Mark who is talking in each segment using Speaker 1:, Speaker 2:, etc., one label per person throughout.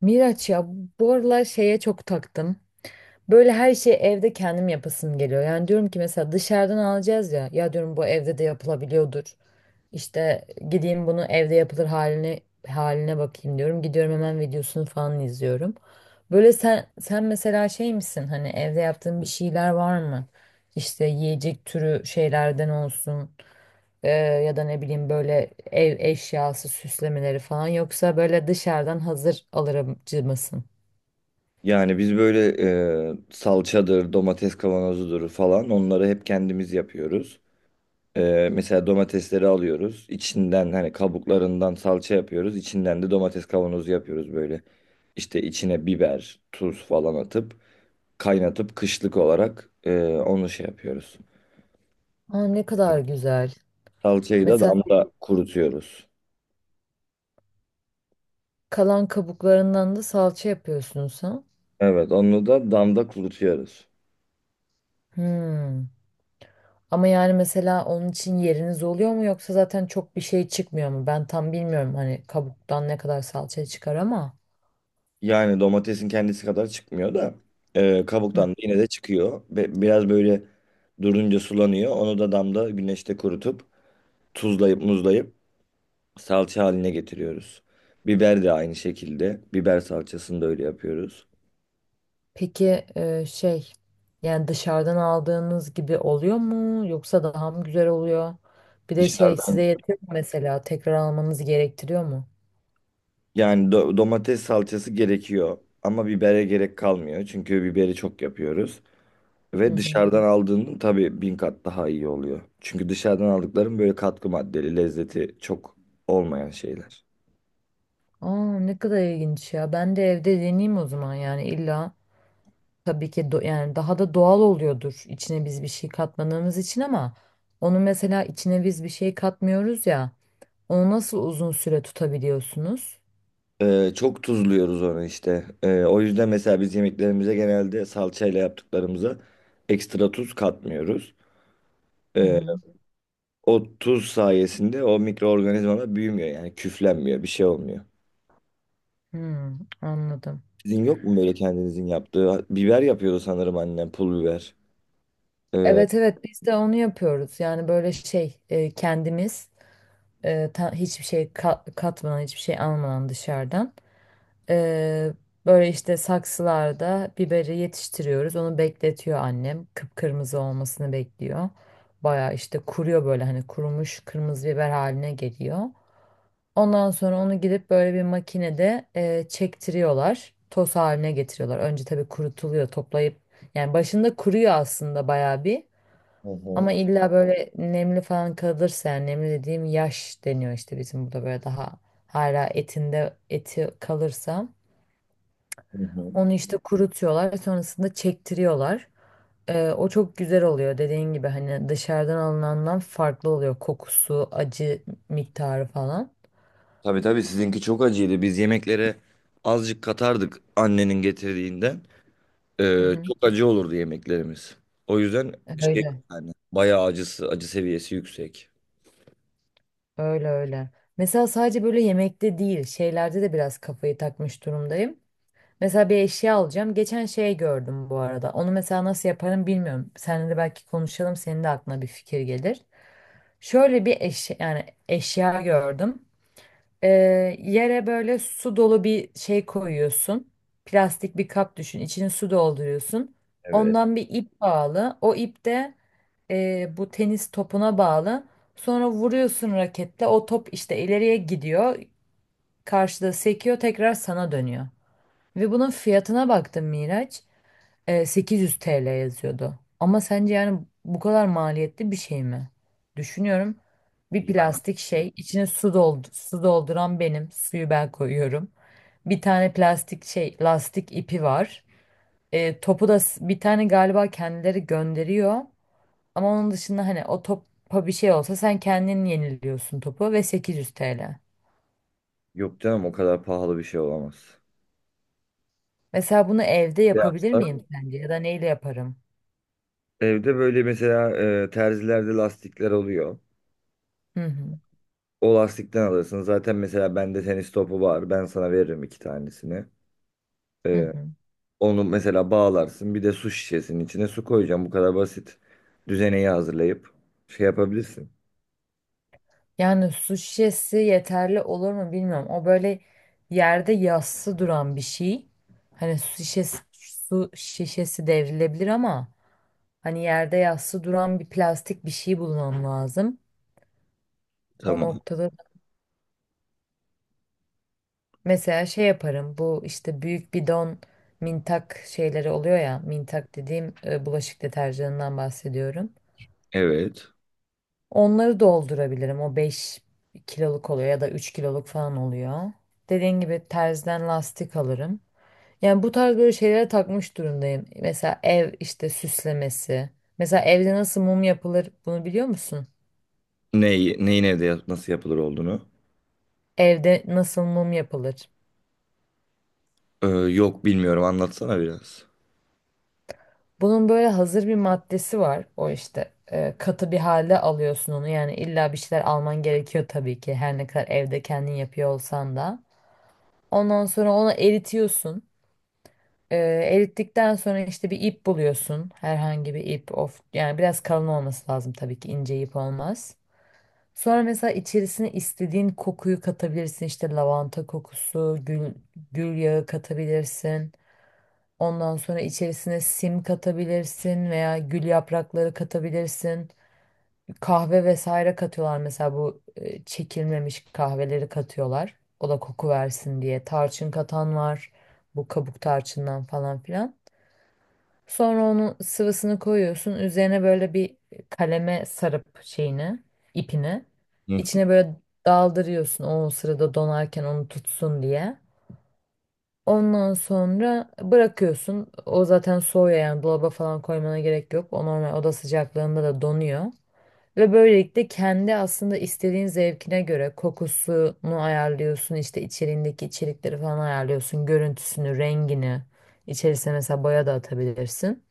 Speaker 1: Miraç ya, bu aralar şeye çok taktım. Böyle her şeyi evde kendim yapasım geliyor. Yani diyorum ki mesela dışarıdan alacağız ya. Ya diyorum bu evde de yapılabiliyordur. İşte gideyim bunu evde yapılır haline bakayım diyorum. Gidiyorum hemen videosunu falan izliyorum. Böyle sen mesela şey misin? Hani evde yaptığın bir şeyler var mı? İşte yiyecek türü şeylerden olsun. Ya da ne bileyim böyle ev eşyası süslemeleri falan yoksa böyle dışarıdan hazır alırcı mısın?
Speaker 2: Yani biz böyle salçadır, domates kavanozudur falan onları hep kendimiz yapıyoruz. Mesela domatesleri alıyoruz. İçinden hani kabuklarından salça yapıyoruz. İçinden de domates kavanozu yapıyoruz böyle. İşte içine biber, tuz falan atıp kaynatıp kışlık olarak onu şey yapıyoruz.
Speaker 1: Aa, ne kadar güzel.
Speaker 2: Salçayı da
Speaker 1: Mesela
Speaker 2: damda kurutuyoruz.
Speaker 1: kalan kabuklarından da salça yapıyorsunuz ha?
Speaker 2: Evet onu da damda kurutuyoruz.
Speaker 1: Hmm. Ama yani mesela onun için yeriniz oluyor mu yoksa zaten çok bir şey çıkmıyor mu? Ben tam bilmiyorum hani kabuktan ne kadar salça çıkar ama.
Speaker 2: Yani domatesin kendisi kadar çıkmıyor da
Speaker 1: Hı.
Speaker 2: kabuktan da yine de çıkıyor. Ve biraz böyle durunca sulanıyor. Onu da damda güneşte kurutup tuzlayıp muzlayıp salça haline getiriyoruz. Biber de aynı şekilde. Biber salçasını da öyle yapıyoruz.
Speaker 1: Peki şey, yani dışarıdan aldığınız gibi oluyor mu yoksa daha mı güzel oluyor? Bir de şey size
Speaker 2: Dışarıdan
Speaker 1: yetiyor mu mesela tekrar almanız gerektiriyor mu?
Speaker 2: yani domates salçası gerekiyor ama bibere gerek kalmıyor. Çünkü biberi çok yapıyoruz.
Speaker 1: Hı
Speaker 2: Ve
Speaker 1: hı.
Speaker 2: dışarıdan aldığının tabii bin kat daha iyi oluyor. Çünkü dışarıdan aldıkların böyle katkı maddeli, lezzeti çok olmayan şeyler.
Speaker 1: Aa, ne kadar ilginç ya. Ben de evde deneyeyim o zaman yani illa. Tabii ki yani daha da doğal oluyordur içine biz bir şey katmadığımız için ama onu mesela içine biz bir şey katmıyoruz ya, onu nasıl uzun süre tutabiliyorsunuz?
Speaker 2: Çok tuzluyoruz onu işte. O yüzden mesela biz yemeklerimize genelde salçayla yaptıklarımıza ekstra tuz katmıyoruz.
Speaker 1: Hı
Speaker 2: Ee,
Speaker 1: hı.
Speaker 2: O tuz sayesinde o mikroorganizmalar büyümüyor yani küflenmiyor bir şey olmuyor.
Speaker 1: Hmm, anladım.
Speaker 2: Sizin yok mu böyle kendinizin yaptığı? Biber yapıyordu sanırım annem pul biber. Hı
Speaker 1: Evet, evet, biz de onu yapıyoruz. Yani böyle şey kendimiz, hiçbir şey katmadan, hiçbir şey almadan dışarıdan. Ee, Böyle işte saksılarda biberi yetiştiriyoruz. Onu bekletiyor annem. Kıpkırmızı olmasını bekliyor. Baya işte kuruyor, böyle hani kurumuş kırmızı biber haline geliyor. Ondan sonra onu gidip böyle bir makinede çektiriyorlar. Toz haline getiriyorlar. Önce tabii kurutuluyor toplayıp. Yani başında kuruyor aslında baya bir.
Speaker 2: hı,
Speaker 1: Ama illa böyle nemli falan kalırsa, yani nemli dediğim yaş deniyor işte bizim burada, böyle daha hala etinde eti kalırsa.
Speaker 2: hı hı.
Speaker 1: Onu işte kurutuyorlar, sonrasında çektiriyorlar. O çok güzel oluyor, dediğin gibi hani dışarıdan alınandan farklı oluyor kokusu, acı miktarı falan.
Speaker 2: Tabii tabii sizinki çok acıydı. Biz yemeklere azıcık katardık annenin getirdiğinden.
Speaker 1: Hı hı.
Speaker 2: Çok acı olurdu yemeklerimiz. O yüzden şey
Speaker 1: Öyle,
Speaker 2: yani bayağı acısı, acı seviyesi yüksek.
Speaker 1: öyle, öyle. Mesela sadece böyle yemekte değil, şeylerde de biraz kafayı takmış durumdayım. Mesela bir eşya alacağım. Geçen şey gördüm bu arada. Onu mesela nasıl yaparım bilmiyorum. Seninle de belki konuşalım, senin de aklına bir fikir gelir. Şöyle bir eşya, yani eşya gördüm. Ee, Yere böyle su dolu bir şey koyuyorsun. Plastik bir kap düşün. İçine su dolduruyorsun.
Speaker 2: Evet.
Speaker 1: Ondan bir ip bağlı. O ip de bu tenis topuna bağlı. Sonra vuruyorsun raketle. O top işte ileriye gidiyor. Karşıda sekiyor. Tekrar sana dönüyor. Ve bunun fiyatına baktım Miraç, 800 TL yazıyordu. Ama sence yani bu kadar maliyetli bir şey mi? Düşünüyorum. Bir
Speaker 2: Ya,
Speaker 1: plastik şey, içine su doldu, su dolduran benim, suyu ben koyuyorum. Bir tane plastik şey, lastik ipi var. Topu da bir tane galiba kendileri gönderiyor. Ama onun dışında hani o topa bir şey olsa sen kendin yeniliyorsun topu ve 800 TL.
Speaker 2: yok canım o kadar pahalı bir şey olamaz.
Speaker 1: Mesela bunu evde
Speaker 2: Ne
Speaker 1: yapabilir
Speaker 2: yapsak?
Speaker 1: miyim sence ya da neyle yaparım?
Speaker 2: Evde böyle mesela terzilerde lastikler oluyor.
Speaker 1: Hı hı.
Speaker 2: O lastikten alırsın. Zaten mesela bende tenis topu var. Ben sana veririm iki tanesini.
Speaker 1: Hı
Speaker 2: Ee,
Speaker 1: hı.
Speaker 2: onu mesela bağlarsın. Bir de su şişesinin içine su koyacağım. Bu kadar basit. Düzeneyi hazırlayıp şey yapabilirsin.
Speaker 1: Yani su şişesi yeterli olur mu bilmiyorum. O böyle yerde yassı duran bir şey. Hani su şişesi, su şişesi devrilebilir ama hani yerde yassı duran bir plastik bir şey bulmam lazım. O
Speaker 2: Tamam.
Speaker 1: noktada mesela şey yaparım. Bu işte büyük bidon mintak şeyleri oluyor ya. Mintak dediğim bulaşık deterjanından bahsediyorum.
Speaker 2: Evet.
Speaker 1: Onları doldurabilirim. O 5 kiloluk oluyor ya da 3 kiloluk falan oluyor. Dediğin gibi terzden lastik alırım. Yani bu tarz böyle şeylere takmış durumdayım. Mesela ev işte süslemesi. Mesela evde nasıl mum yapılır, bunu biliyor musun?
Speaker 2: Neyi, neyin nasıl yapılır olduğunu.
Speaker 1: Evde nasıl mum yapılır?
Speaker 2: Yok bilmiyorum anlatsana biraz.
Speaker 1: Bunun böyle hazır bir maddesi var. O işte katı bir halde alıyorsun onu. Yani illa bir şeyler alman gerekiyor tabii ki. Her ne kadar evde kendin yapıyor olsan da. Ondan sonra onu eritiyorsun. Ee, Erittikten sonra işte bir ip buluyorsun. Herhangi bir ip, of, yani biraz kalın olması lazım tabii ki, ince ip olmaz. Sonra mesela içerisine istediğin kokuyu katabilirsin. İşte lavanta kokusu, gül, gül yağı katabilirsin. Ondan sonra içerisine sim katabilirsin veya gül yaprakları katabilirsin. Kahve vesaire katıyorlar, mesela bu çekilmemiş kahveleri katıyorlar. O da koku versin diye. Tarçın katan var. Bu kabuk tarçından falan filan. Sonra onun sıvısını koyuyorsun. Üzerine böyle bir kaleme sarıp şeyini, ipini.
Speaker 2: Hı,
Speaker 1: İçine böyle daldırıyorsun o sırada, donarken onu tutsun diye. Ondan sonra bırakıyorsun. O zaten soğuyor, yani dolaba falan koymana gerek yok. O normal oda sıcaklığında da donuyor. Ve böylelikle kendi aslında istediğin zevkine göre kokusunu ayarlıyorsun. İşte içeriğindeki içerikleri falan ayarlıyorsun. Görüntüsünü, rengini. İçerisine mesela boya da atabilirsin.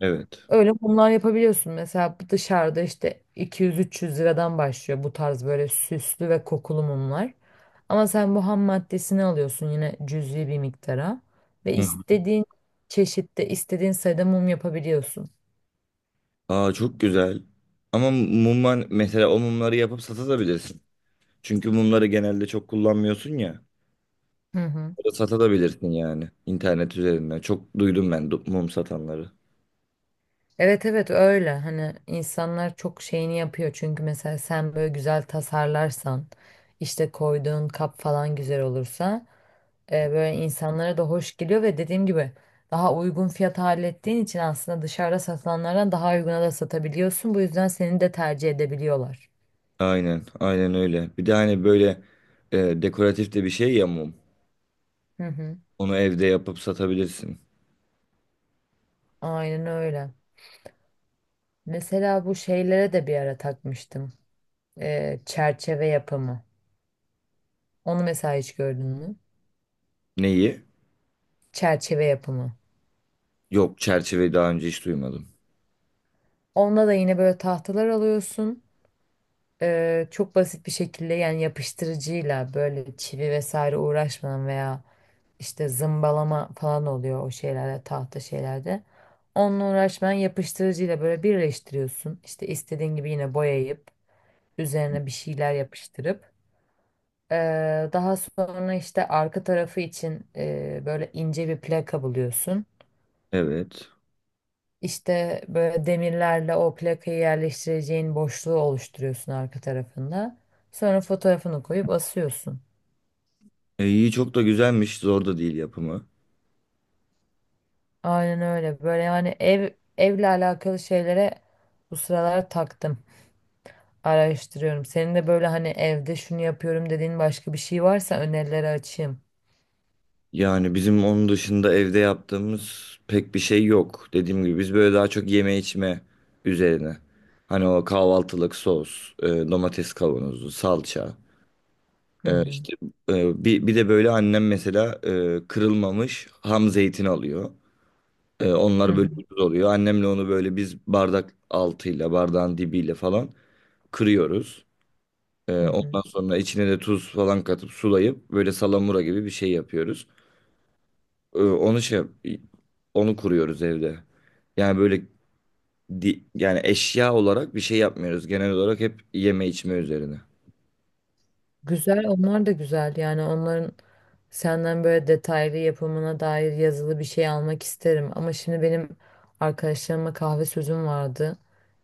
Speaker 2: evet.
Speaker 1: Öyle mumlar yapabiliyorsun. Mesela bu dışarıda işte 200-300 liradan başlıyor, bu tarz böyle süslü ve kokulu mumlar. Ama sen bu ham maddesini alıyorsun yine cüzi bir miktara ve
Speaker 2: Hı.
Speaker 1: istediğin çeşitte, istediğin sayıda mum yapabiliyorsun.
Speaker 2: Aa çok güzel. Ama mumlar mesela o mumları yapıp satabilirsin. Çünkü mumları genelde çok kullanmıyorsun ya.
Speaker 1: Hı hı.
Speaker 2: Satabilirsin yani internet üzerinden. Çok duydum ben mum satanları.
Speaker 1: Evet, evet, öyle. Hani insanlar çok şeyini yapıyor, çünkü mesela sen böyle güzel tasarlarsan, işte koyduğun kap falan güzel olursa böyle insanlara da hoş geliyor ve dediğim gibi daha uygun fiyata hallettiğin için aslında dışarıda satılanlardan daha uyguna da satabiliyorsun, bu yüzden seni de tercih edebiliyorlar.
Speaker 2: Aynen, aynen öyle. Bir de hani böyle dekoratif de bir şey ya mum.
Speaker 1: Hı hı,
Speaker 2: Onu evde yapıp satabilirsin.
Speaker 1: aynen öyle. Mesela bu şeylere de bir ara takmıştım. Çerçeve yapımı, onu mesela hiç gördün mü?
Speaker 2: Neyi?
Speaker 1: Çerçeve yapımı.
Speaker 2: Yok çerçeveyi daha önce hiç duymadım.
Speaker 1: Onunla da yine böyle tahtalar alıyorsun. Çok basit bir şekilde, yani yapıştırıcıyla, böyle çivi vesaire uğraşmadan veya işte zımbalama falan oluyor o şeylerde, tahta şeylerde. Onunla uğraşmadan yapıştırıcıyla böyle birleştiriyorsun. İşte istediğin gibi yine boyayıp üzerine bir şeyler yapıştırıp daha sonra işte arka tarafı için böyle ince bir plaka buluyorsun.
Speaker 2: Evet.
Speaker 1: İşte böyle demirlerle o plakayı yerleştireceğin boşluğu oluşturuyorsun arka tarafında. Sonra fotoğrafını koyup asıyorsun.
Speaker 2: İyi çok da güzelmiş. Zor da değil yapımı.
Speaker 1: Aynen öyle. Böyle yani evle alakalı şeylere bu sıralar taktım. Araştırıyorum. Senin de böyle hani evde şunu yapıyorum dediğin başka bir şey varsa önerileri açayım.
Speaker 2: Yani bizim onun dışında evde yaptığımız pek bir şey yok. Dediğim gibi biz böyle daha çok yeme içme üzerine. Hani o kahvaltılık sos, domates kavanozu, salça.
Speaker 1: Hı
Speaker 2: E,
Speaker 1: hı.
Speaker 2: işte bir de böyle annem mesela kırılmamış ham zeytin alıyor.
Speaker 1: Hı
Speaker 2: Onlar böyle
Speaker 1: hı.
Speaker 2: ucuz oluyor. Annemle onu böyle biz bardak altıyla, bardağın dibiyle falan kırıyoruz.
Speaker 1: Hı hı.
Speaker 2: Ondan sonra içine de tuz falan katıp sulayıp böyle salamura gibi bir şey yapıyoruz. Ee, Onu şey yap- onu kuruyoruz evde. Yani böyle yani eşya olarak bir şey yapmıyoruz. Genel olarak hep yeme içme üzerine.
Speaker 1: Güzel, onlar da güzel. Yani onların senden böyle detaylı yapımına dair yazılı bir şey almak isterim. Ama şimdi benim arkadaşlarıma kahve sözüm vardı.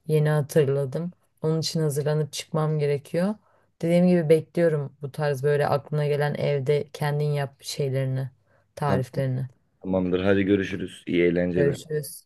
Speaker 1: Yeni hatırladım. Onun için hazırlanıp çıkmam gerekiyor. Dediğim gibi bekliyorum bu tarz böyle aklına gelen evde kendin yap şeylerini,
Speaker 2: Tamam.
Speaker 1: tariflerini.
Speaker 2: Tamamdır. Hadi görüşürüz. İyi eğlenceler.
Speaker 1: Görüşürüz.